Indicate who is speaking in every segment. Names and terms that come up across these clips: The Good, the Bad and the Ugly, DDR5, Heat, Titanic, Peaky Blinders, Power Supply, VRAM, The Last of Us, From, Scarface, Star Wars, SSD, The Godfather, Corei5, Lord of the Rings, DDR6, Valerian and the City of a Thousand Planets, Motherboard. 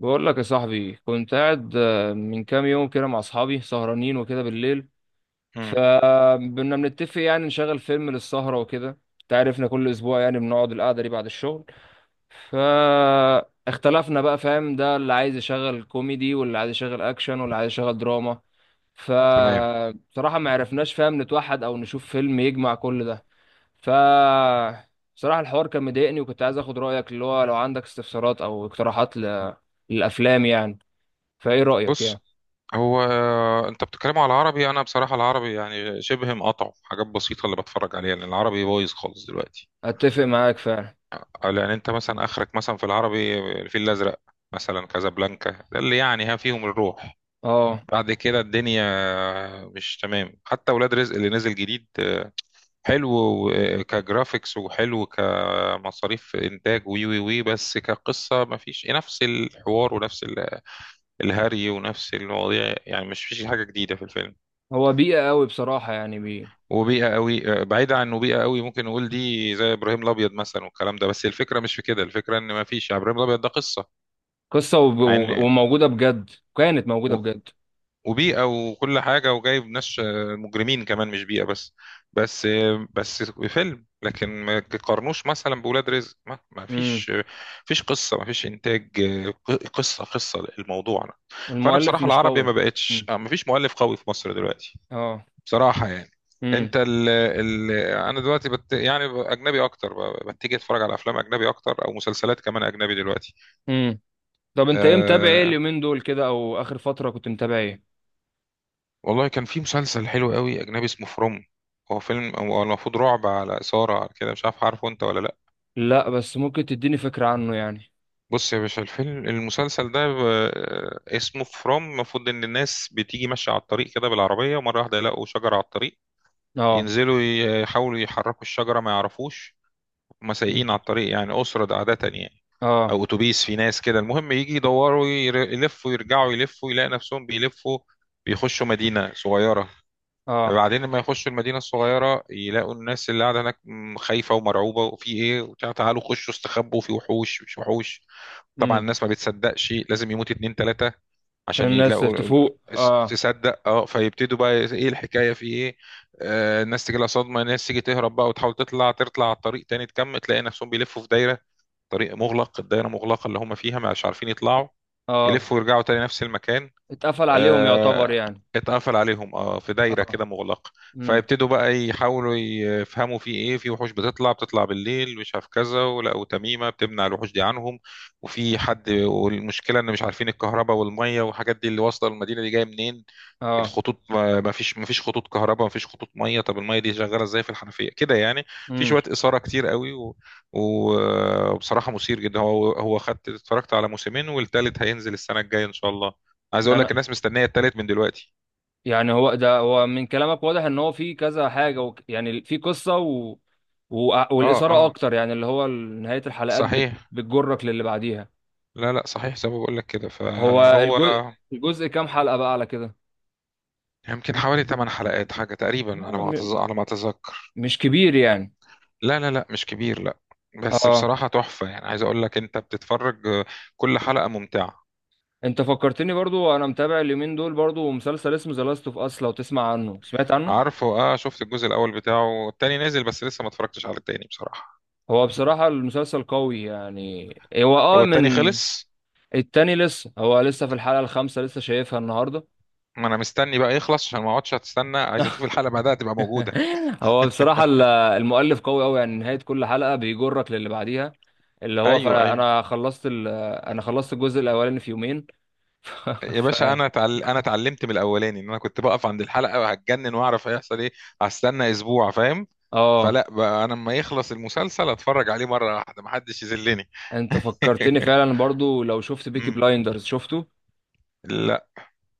Speaker 1: بقول لك يا صاحبي، كنت قاعد من كام يوم كده مع اصحابي سهرانين وكده بالليل.
Speaker 2: امم.
Speaker 1: فكنا بنتفق يعني نشغل فيلم للسهرة وكده، انت عارفنا كل اسبوع يعني بنقعد القعدة دي بعد الشغل. فاختلفنا بقى فاهم، ده اللي عايز يشغل كوميدي واللي عايز يشغل اكشن واللي عايز يشغل دراما.
Speaker 2: تمام.
Speaker 1: فبصراحة ما عرفناش فاهم نتوحد او نشوف فيلم يجمع كل ده. ف بصراحة الحوار كان مضايقني وكنت عايز اخد رأيك، اللي هو لو عندك استفسارات او اقتراحات للافلام يعني. فايه رأيك
Speaker 2: بص،
Speaker 1: يعني؟
Speaker 2: هو انت بتتكلم على العربي، انا بصراحه العربي يعني شبه مقطعه في حاجات بسيطه اللي بتفرج عليها، لان العربي بايظ خالص دلوقتي.
Speaker 1: اتفق معاك فعلا.
Speaker 2: لان انت مثلا اخرك مثلا في العربي الفيل الازرق، مثلا كازابلانكا، ده اللي يعني ها فيهم الروح.
Speaker 1: اه،
Speaker 2: بعد كده الدنيا مش تمام، حتى ولاد رزق اللي نزل جديد حلو كجرافيكس، وحلو كمصاريف انتاج، وي وي وي، بس كقصه مفيش نفس الحوار ونفس الهري ونفس المواضيع، يعني مش فيش حاجه جديده في الفيلم.
Speaker 1: هو بيئة قوي بصراحة يعني
Speaker 2: وبيئه قوي بعيده عن، وبيئه قوي ممكن نقول دي زي ابراهيم الابيض مثلا والكلام ده، بس الفكره مش في كده، الفكره ان ما فيش يعني ابراهيم الابيض ده قصه،
Speaker 1: قصة
Speaker 2: مع ان
Speaker 1: وموجودة بجد. كانت موجودة
Speaker 2: و-
Speaker 1: بجد.
Speaker 2: وبيئه وكل حاجه وجايب ناس مجرمين كمان، مش بيئه بس، بس فيلم، لكن ما تقارنوش مثلا بولاد رزق. ما
Speaker 1: امم.
Speaker 2: فيش فيش قصه، ما فيش انتاج قصه الموضوع. فانا
Speaker 1: المؤلف
Speaker 2: بصراحه
Speaker 1: مش
Speaker 2: العربي ما
Speaker 1: قوي.
Speaker 2: بقتش
Speaker 1: امم.
Speaker 2: ما فيش مؤلف قوي في مصر دلوقتي.
Speaker 1: اه.
Speaker 2: بصراحة يعني. انت
Speaker 1: امم.
Speaker 2: ال ال انا دلوقتي يعني اجنبي اكتر، بتيجي اتفرج على افلام اجنبي اكتر، او مسلسلات كمان اجنبي دلوقتي.
Speaker 1: امم. طب انت ايه متابع، ايه
Speaker 2: أه،
Speaker 1: اليومين دول كده او اخر فترة كنت متابع ايه؟
Speaker 2: والله كان في مسلسل حلو قوي اجنبي اسمه فروم. هو فيلم، هو المفروض رعب، على اثارة، على كده، مش عارف، عارفه انت ولا لا؟
Speaker 1: لا بس ممكن تديني فكرة عنه يعني.
Speaker 2: بص يا باشا، الفيلم المسلسل ده اسمه فروم. المفروض ان الناس بتيجي ماشية على الطريق كده بالعربية، ومرة واحدة يلاقوا شجرة على الطريق،
Speaker 1: اه.
Speaker 2: ينزلوا يحاولوا يحركوا الشجرة ما يعرفوش. هما
Speaker 1: مم.
Speaker 2: سايقين على الطريق يعني أسرة عادة يعني،
Speaker 1: اه.
Speaker 2: او اتوبيس في ناس كده، المهم يجي يدوروا، يلفوا يرجعوا يلفوا يلاقي نفسهم بيلفوا، بيخشوا مدينة صغيرة.
Speaker 1: اه.
Speaker 2: بعدين لما يخشوا المدينة الصغيرة يلاقوا الناس اللي قاعدة هناك، خايفة ومرعوبة وفي ايه وبتاع، تعالوا خشوا استخبوا، في وحوش، مش وحوش. طبعا
Speaker 1: امم.
Speaker 2: الناس ما بتصدقش، لازم يموت اتنين تلاتة
Speaker 1: عشان
Speaker 2: عشان
Speaker 1: الناس
Speaker 2: يلاقوا
Speaker 1: تفوق اه.
Speaker 2: تصدق، اه. فيبتدوا بقى ايه، إيه الحكاية، في ايه. الناس تجي لها صدمة، الناس تيجي تهرب بقى وتحاول تطلع، تطلع على الطريق تاني تكمل، تلاقي نفسهم بيلفوا في دايرة، طريق مغلق، الدائرة مغلقة اللي هم فيها، مش عارفين يطلعوا،
Speaker 1: اه.
Speaker 2: يلفوا ويرجعوا تاني نفس المكان.
Speaker 1: اتقفل عليهم يعتبر
Speaker 2: آه،
Speaker 1: يعني.
Speaker 2: اتقفل عليهم، اه، في دايرة
Speaker 1: اه.
Speaker 2: كده مغلقة.
Speaker 1: امم.
Speaker 2: فيبتدوا بقى يحاولوا يفهموا في ايه، في وحوش بتطلع بالليل مش عارف كذا، ولقوا تميمة بتمنع الوحوش دي عنهم، وفي حد، والمشكلة ان مش عارفين الكهرباء والمية والحاجات دي اللي واصلة المدينة دي جاية منين.
Speaker 1: اه.
Speaker 2: الخطوط ما فيش خطوط كهرباء، ما فيش خطوط ميه، طب الميه دي شغاله ازاي في الحنفيه كده يعني. في
Speaker 1: امم.
Speaker 2: شويه اثاره كتير قوي وبصراحه مثير جدا. هو اتفرجت على موسمين، والتالت هينزل السنه الجايه ان شاء الله. عايز اقول
Speaker 1: يعني.
Speaker 2: لك الناس مستنيه التالت من دلوقتي.
Speaker 1: يعني هو ده، هو من كلامك واضح ان هو في كذا حاجه يعني في قصه
Speaker 2: اه،
Speaker 1: والاثاره
Speaker 2: اه،
Speaker 1: اكتر، يعني اللي هو نهايه الحلقات
Speaker 2: صحيح.
Speaker 1: بتجرك للي بعديها.
Speaker 2: لا لا، صحيح، زي ما بقول لك كده،
Speaker 1: هو
Speaker 2: فهو
Speaker 1: الجزء الجزء كام حلقه بقى على كده؟
Speaker 2: يمكن حوالي 8 حلقات حاجه تقريبا، على
Speaker 1: آه،
Speaker 2: ما
Speaker 1: م...
Speaker 2: على ما اتذكر.
Speaker 1: مش كبير يعني.
Speaker 2: لا لا لا، مش كبير، لا. بس
Speaker 1: اه.
Speaker 2: بصراحه تحفه، يعني عايز اقول لك انت بتتفرج كل حلقه ممتعه.
Speaker 1: انت فكرتني برضو، انا متابع اليومين دول برضو مسلسل اسمه ذا لاست اوف اس، لو تسمع عنه؟ سمعت عنه؟
Speaker 2: عارفه، اه، شفت الجزء الاول بتاعه، التاني نازل بس لسه ما اتفرجتش على التاني بصراحه.
Speaker 1: هو بصراحه المسلسل قوي يعني. هو اه
Speaker 2: هو التاني
Speaker 1: من
Speaker 2: خلص؟
Speaker 1: التاني لسه، هو لسه في الحلقه الخامسه، لسه شايفها النهارده.
Speaker 2: ما انا مستني بقى يخلص عشان ما اقعدش استنى، عايز اشوف الحلقه بعدها تبقى موجوده.
Speaker 1: هو بصراحة المؤلف قوي قوي، يعني نهاية كل حلقة بيجرك للي بعديها. اللي هو
Speaker 2: ايوه،
Speaker 1: فانا
Speaker 2: ايوه.
Speaker 1: انا خلصت ال... انا خلصت الجزء الاولاني في يومين. ف...
Speaker 2: يا
Speaker 1: ف...
Speaker 2: باشا انا انا اتعلمت من الاولاني ان انا كنت بقف عند الحلقه وهتجنن واعرف هيحصل ايه. هستنى اسبوع؟ فاهم؟
Speaker 1: اه.
Speaker 2: فلا بقى، انا لما يخلص المسلسل اتفرج عليه مره واحده، ما حدش يذلني.
Speaker 1: انت فكرتني فعلا برضو، لو شفت بيكي
Speaker 2: مم.
Speaker 1: بلايندرز؟ شفته.
Speaker 2: لا.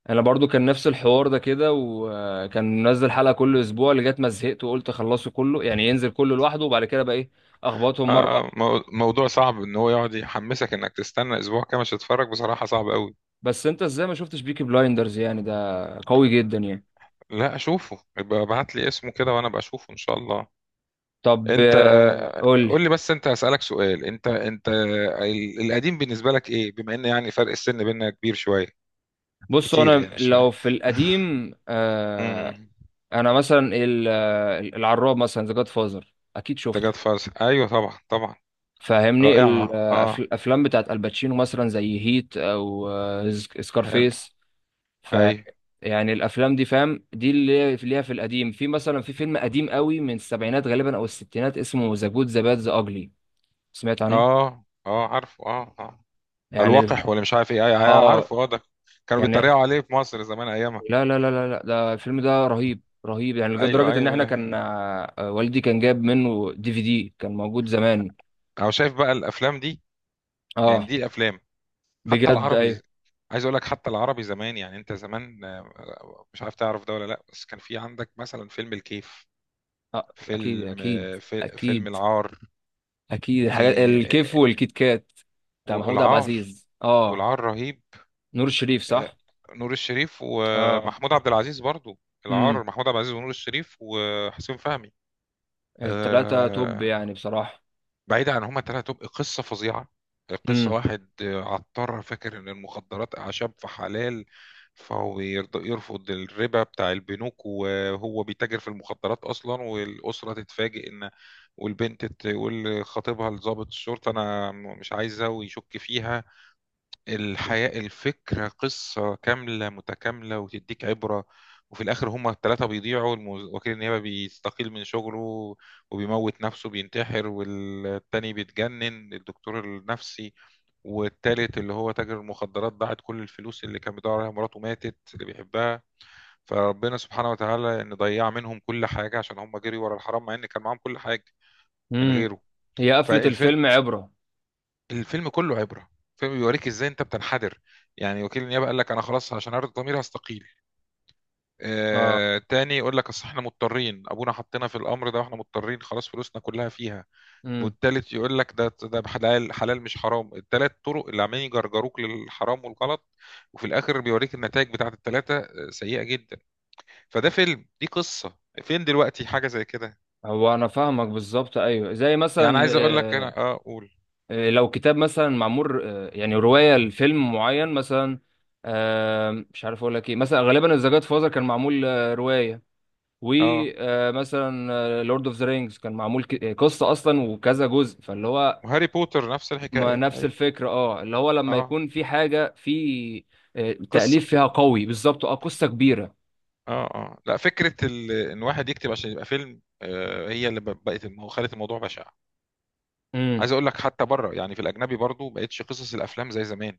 Speaker 1: انا برضو كان نفس الحوار ده كده، وكان منزل حلقة كل اسبوع لغاية ما زهقت وقلت اخلصه كله، يعني ينزل كله لوحده وبعد كده بقى ايه. اخبطهم
Speaker 2: آه،
Speaker 1: مرة واحدة.
Speaker 2: آه، موضوع صعب ان هو يقعد يحمسك انك تستنى اسبوع كامل عشان تتفرج، بصراحه صعب قوي.
Speaker 1: بس انت ازاي ما شفتش بيكي بلايندرز يعني؟ ده قوي جدا يعني.
Speaker 2: لا، اشوفه يبقى ابعت لي اسمه كده وانا بشوفه ان شاء الله.
Speaker 1: طب
Speaker 2: انت،
Speaker 1: قول
Speaker 2: قول
Speaker 1: لي.
Speaker 2: لي بس، انت هسألك سؤال، انت انت القديم بالنسبة لك ايه بما ان يعني فرق السن بيننا كبير شوية؟
Speaker 1: بص،
Speaker 2: كتير
Speaker 1: انا
Speaker 2: يعني، مش
Speaker 1: لو
Speaker 2: شوية.
Speaker 1: في القديم
Speaker 2: امم
Speaker 1: انا مثلا العراب مثلا ذا جاد فازر، اكيد
Speaker 2: ده
Speaker 1: شفته.
Speaker 2: جاد فاز، ايوه طبعا طبعا.
Speaker 1: فاهمني
Speaker 2: رائعة، اه.
Speaker 1: الافلام بتاعت الباتشينو مثلا، زي هيت او
Speaker 2: حلو.
Speaker 1: سكارفيس. ف
Speaker 2: ايوه.
Speaker 1: يعني الافلام دي فاهم، دي اللي ليها في القديم، في مثلا في فيلم قديم قوي من السبعينات غالبا او الستينات اسمه ذا جود ذا باد ذا اجلي. سمعت عنه؟
Speaker 2: اه، اه، عارفه، اه، اه.
Speaker 1: يعني.
Speaker 2: الوقح ولا مش عارف ايه؟ ايوه، أيوة،
Speaker 1: اه.
Speaker 2: عارفه، اه، ده كانوا
Speaker 1: يعني.
Speaker 2: بيتريقوا عليه في مصر زمان ايامها.
Speaker 1: لا لا لا لا لا، ده الفيلم ده رهيب رهيب، يعني
Speaker 2: ايوه،
Speaker 1: لدرجة ان
Speaker 2: ايوه،
Speaker 1: احنا
Speaker 2: لا.
Speaker 1: كان والدي كان جاب منه دي في دي كان موجود زمان.
Speaker 2: انا شايف بقى الافلام دي، يعني
Speaker 1: اه.
Speaker 2: دي افلام. حتى
Speaker 1: بجد
Speaker 2: العربي،
Speaker 1: ايوه
Speaker 2: عايز اقول لك حتى العربي زمان، يعني انت زمان مش عارف تعرف ده ولا لا، بس كان في عندك مثلا فيلم الكيف،
Speaker 1: آه اكيد
Speaker 2: فيلم
Speaker 1: اكيد.
Speaker 2: في فيلم
Speaker 1: اكيد.
Speaker 2: العار.
Speaker 1: اكيد الحاجات،
Speaker 2: إيه،
Speaker 1: الكيف
Speaker 2: آه،
Speaker 1: والكيت كات بتاع محمود عبد
Speaker 2: والعار،
Speaker 1: العزيز اه.
Speaker 2: والعار رهيب.
Speaker 1: نور الشريف
Speaker 2: آه،
Speaker 1: صح؟
Speaker 2: نور الشريف
Speaker 1: اه.
Speaker 2: ومحمود عبد العزيز برضو. العار،
Speaker 1: امم.
Speaker 2: محمود عبد العزيز ونور الشريف وحسين فهمي.
Speaker 1: التلاتة توب
Speaker 2: آه،
Speaker 1: يعني بصراحة.
Speaker 2: بعيدا عن هما تلاتة تبقى قصة فظيعة. قصة
Speaker 1: امم.
Speaker 2: واحد عطار فاكر إن المخدرات أعشاب فحلال، فهو يرفض الربا بتاع البنوك وهو بيتاجر في المخدرات أصلا، والأسرة تتفاجئ إن، والبنت تقول لخطيبها لضابط الشرطة، أنا مش عايزة، ويشك فيها. الحياة، الفكرة، قصة كاملة متكاملة وتديك عبرة. وفي الآخر هما الثلاثة بيضيعوا، وكيل النيابة بيستقيل من شغله وبيموت نفسه بينتحر، والتاني بيتجنن الدكتور النفسي، والتالت اللي هو تاجر المخدرات ضاعت كل الفلوس اللي كان بيدور عليها، مراته ماتت اللي بيحبها. فربنا سبحانه وتعالى ان ضيع منهم كل حاجة، عشان هم جري ورا الحرام مع ان كان معاهم كل حاجة من
Speaker 1: امم.
Speaker 2: غيره.
Speaker 1: هي قفلة
Speaker 2: فالف...
Speaker 1: الفيلم عبرة.
Speaker 2: الفيلم كله عبره، الفيلم بيوريك ازاي انت بتنحدر. يعني وكيل النيابه قال لك انا خلاص عشان ارضي ضميري هستقيل،
Speaker 1: اه.
Speaker 2: تاني يقول لك اصل احنا مضطرين ابونا حطينا في الامر ده واحنا مضطرين خلاص فلوسنا كلها فيها،
Speaker 1: امم.
Speaker 2: والتالت يقول لك ده حلال، حلال مش حرام. التلات طرق اللي عمالين يجرجروك للحرام والغلط، وفي الاخر بيوريك النتائج بتاعت التلاته سيئه جدا. فده فيلم، دي قصه. فين دلوقتي حاجه زي كده؟
Speaker 1: هو انا فاهمك بالظبط، ايوه زي
Speaker 2: يعني
Speaker 1: مثلا
Speaker 2: عايز اقول لك انا، اه، قول.
Speaker 1: لو كتاب مثلا معمول يعني رواية لفيلم معين مثلا. مش عارف اقول لك ايه، مثلا غالبا ذا جاد فازر كان معمول رواية.
Speaker 2: اه،
Speaker 1: ومثلا لورد اوف ذا رينجز كان معمول قصة اصلا وكذا جزء، فاللي هو
Speaker 2: وهاري بوتر نفس
Speaker 1: ما
Speaker 2: الحكايه،
Speaker 1: نفس
Speaker 2: ايوه.
Speaker 1: الفكرة. اه، اللي هو لما
Speaker 2: اه،
Speaker 1: يكون في حاجة في
Speaker 2: قصه.
Speaker 1: تأليف فيها قوي بالظبط، اه قصة كبيرة.
Speaker 2: اه، اه، لا، فكره ان واحد يكتب عشان يبقى فيلم، هي اللي بقت خلت الموضوع بشع.
Speaker 1: امم.
Speaker 2: عايز اقول لك حتى بره، يعني في الاجنبي برضو بقتش قصص الافلام زي زمان.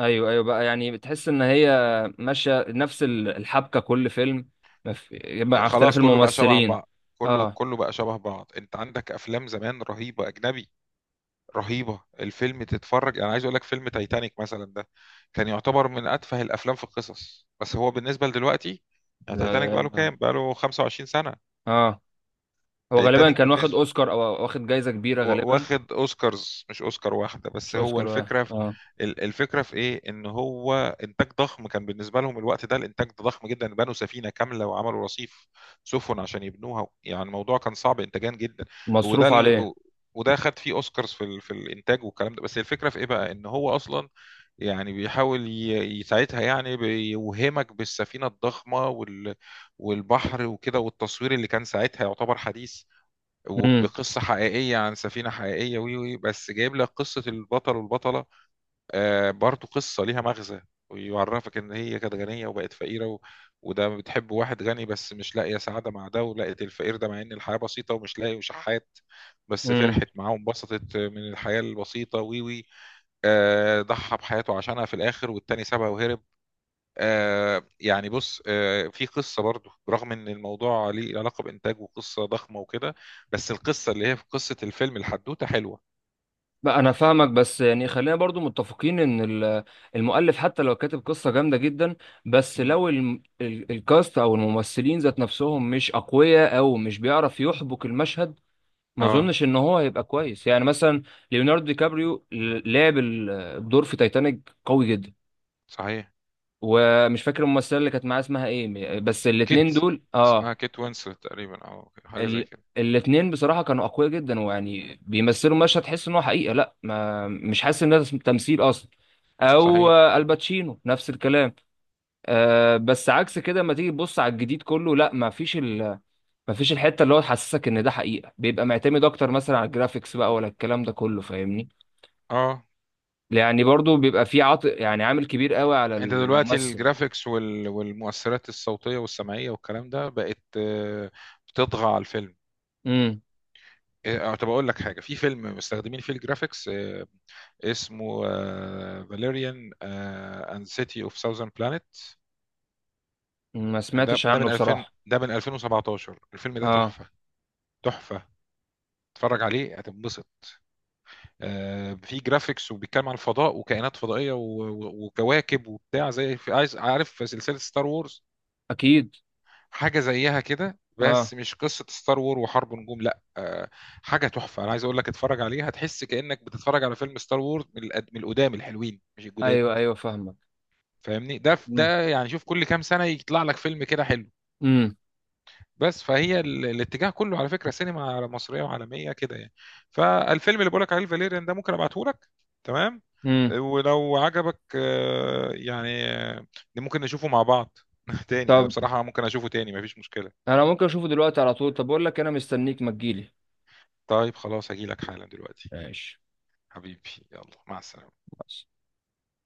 Speaker 1: ايوه ايوه بقى، يعني بتحس ان هي ماشية نفس الحبكة كل فيلم. مف-
Speaker 2: آه،
Speaker 1: مع اختلاف
Speaker 2: خلاص كله بقى شبه
Speaker 1: الممثلين.
Speaker 2: بعض، كله
Speaker 1: اه.
Speaker 2: كله بقى شبه بعض. انت عندك افلام زمان رهيبه اجنبي، رهيبه الفيلم تتفرج. انا عايز اقول لك فيلم تايتانيك مثلا ده كان يعتبر من اتفه الافلام في القصص، بس هو بالنسبه لدلوقتي،
Speaker 1: لا
Speaker 2: يعني تايتانيك
Speaker 1: لا
Speaker 2: بقى له
Speaker 1: لا.
Speaker 2: كام، بقى له 25 سنه.
Speaker 1: اه. هو غالبا
Speaker 2: تايتانيك
Speaker 1: كان واخد
Speaker 2: بالنسبه،
Speaker 1: اوسكار او واخد جايزه كبيره غالبا.
Speaker 2: واخد اوسكارز مش اوسكار واحده
Speaker 1: مش
Speaker 2: بس، هو
Speaker 1: اوسكار اه.
Speaker 2: الفكره في الفكره في ايه، ان هو انتاج ضخم كان بالنسبه لهم الوقت ده، الانتاج ده ضخم جدا، بنوا سفينه كامله وعملوا رصيف سفن عشان يبنوها، يعني الموضوع كان صعب انتاجيا جدا. وده
Speaker 1: مصروف
Speaker 2: اللي،
Speaker 1: عليه.
Speaker 2: وده خد فيه اوسكارز في في الانتاج والكلام ده، بس الفكره في ايه بقى، ان هو اصلا يعني بيحاول يساعدها، يعني بيوهمك بالسفينة الضخمة والبحر وكده، والتصوير اللي كان ساعتها يعتبر حديث،
Speaker 1: امم.
Speaker 2: وبقصة حقيقية عن سفينة حقيقية وي وي، بس جايب لك قصة البطل والبطلة، برضو قصة ليها مغزى، ويعرفك ان هي كانت غنية وبقت فقيرة وده بتحب واحد غني بس مش لاقية سعادة مع ده، ولقيت الفقير ده مع ان الحياة بسيطة ومش لاقي وشحات، بس
Speaker 1: امم.
Speaker 2: فرحت معاه وانبسطت من الحياة البسيطة وي وي. ضحى بحياته عشانها في الاخر، والتاني سابها وهرب. بص، في قصة برضو، رغم ان الموضوع ليه علاقة بإنتاج وقصة ضخمة وكده، بس القصة اللي هي في قصة الفيلم الحدوتة حلوة.
Speaker 1: بقى انا فاهمك، بس يعني خلينا برضو متفقين ان المؤلف حتى لو كاتب قصه جامده جدا، بس
Speaker 2: مم.
Speaker 1: لو الكاست او الممثلين ذات نفسهم مش اقوياء او مش بيعرف يحبك المشهد، ما
Speaker 2: اه،
Speaker 1: اظنش ان هو هيبقى كويس. يعني مثلا ليوناردو دي كابريو لعب الدور في تايتانيك قوي جدا.
Speaker 2: صحيح.
Speaker 1: ومش فاكر الممثله اللي كانت معاه اسمها ايه، بس
Speaker 2: كيت،
Speaker 1: الاتنين دول اه.
Speaker 2: اسمها كيت وينسلت تقريبا او حاجة زي
Speaker 1: ال...
Speaker 2: كده.
Speaker 1: الاتنين بصراحه كانوا اقوياء جدا، ويعني بيمثلوا مشهد تحس ان هو حقيقه، لا ما مش حاسس ان ده تمثيل اصلا. او
Speaker 2: صحيح،
Speaker 1: الباتشينو نفس الكلام. بس عكس كده، لما تيجي تبص على الجديد كله لا، ما فيش الحته اللي هو تحسسك ان ده حقيقه، بيبقى معتمد اكتر مثلا على الجرافيكس بقى ولا الكلام ده كله فاهمني؟
Speaker 2: اه.
Speaker 1: يعني برضو بيبقى في يعني عامل كبير قوي على
Speaker 2: انت دلوقتي
Speaker 1: الممثل.
Speaker 2: الجرافيكس والمؤثرات الصوتية والسمعية والكلام ده بقت بتطغى على الفيلم.
Speaker 1: امم.
Speaker 2: آه، طب اقول لك حاجه، في فيلم مستخدمين فيه الجرافيكس اسمه فاليريان اند سيتي اوف ساوزرن بلانيت.
Speaker 1: ما
Speaker 2: ده
Speaker 1: سمعتش
Speaker 2: ده
Speaker 1: عنه
Speaker 2: من 2000
Speaker 1: بصراحه.
Speaker 2: ده من 2017، الفيلم ده
Speaker 1: اه.
Speaker 2: تحفة. تحفة، اتفرج عليه هتنبسط. في جرافيكس، وبيتكلم عن الفضاء وكائنات فضائية وكواكب وبتاع، زي في عايز عارف، في سلسلة ستار وورز
Speaker 1: اكيد.
Speaker 2: حاجة زيها كده،
Speaker 1: اه.
Speaker 2: بس مش قصة ستار وور وحرب نجوم، لا، حاجة تحفة. انا عايز اقول لك اتفرج عليها هتحس كأنك بتتفرج على فيلم ستار وورز من من القدام الحلوين مش الجداد.
Speaker 1: ايوه ايوه فاهمك.
Speaker 2: فاهمني؟ ده
Speaker 1: امم.
Speaker 2: ده يعني، شوف، كل كام سنة يطلع لك فيلم كده حلو،
Speaker 1: امم.
Speaker 2: بس فهي الاتجاه كله على فكرة سينما مصرية وعالمية كده يعني. فالفيلم اللي بقولك عليه الفاليريان ده ممكن ابعته لك. تمام.
Speaker 1: أمم.
Speaker 2: ولو عجبك ممكن نشوفه مع بعض. تاني انا
Speaker 1: طب
Speaker 2: بصراحة ممكن اشوفه تاني، مفيش مشكلة.
Speaker 1: انا ممكن اشوفه دلوقتي على طول؟ طب اقول لك انا مستنيك، ما تجيلي.
Speaker 2: طيب خلاص، هجيلك حالا دلوقتي.
Speaker 1: ماشي.
Speaker 2: حبيبي، يلا، مع السلامة.
Speaker 1: بس.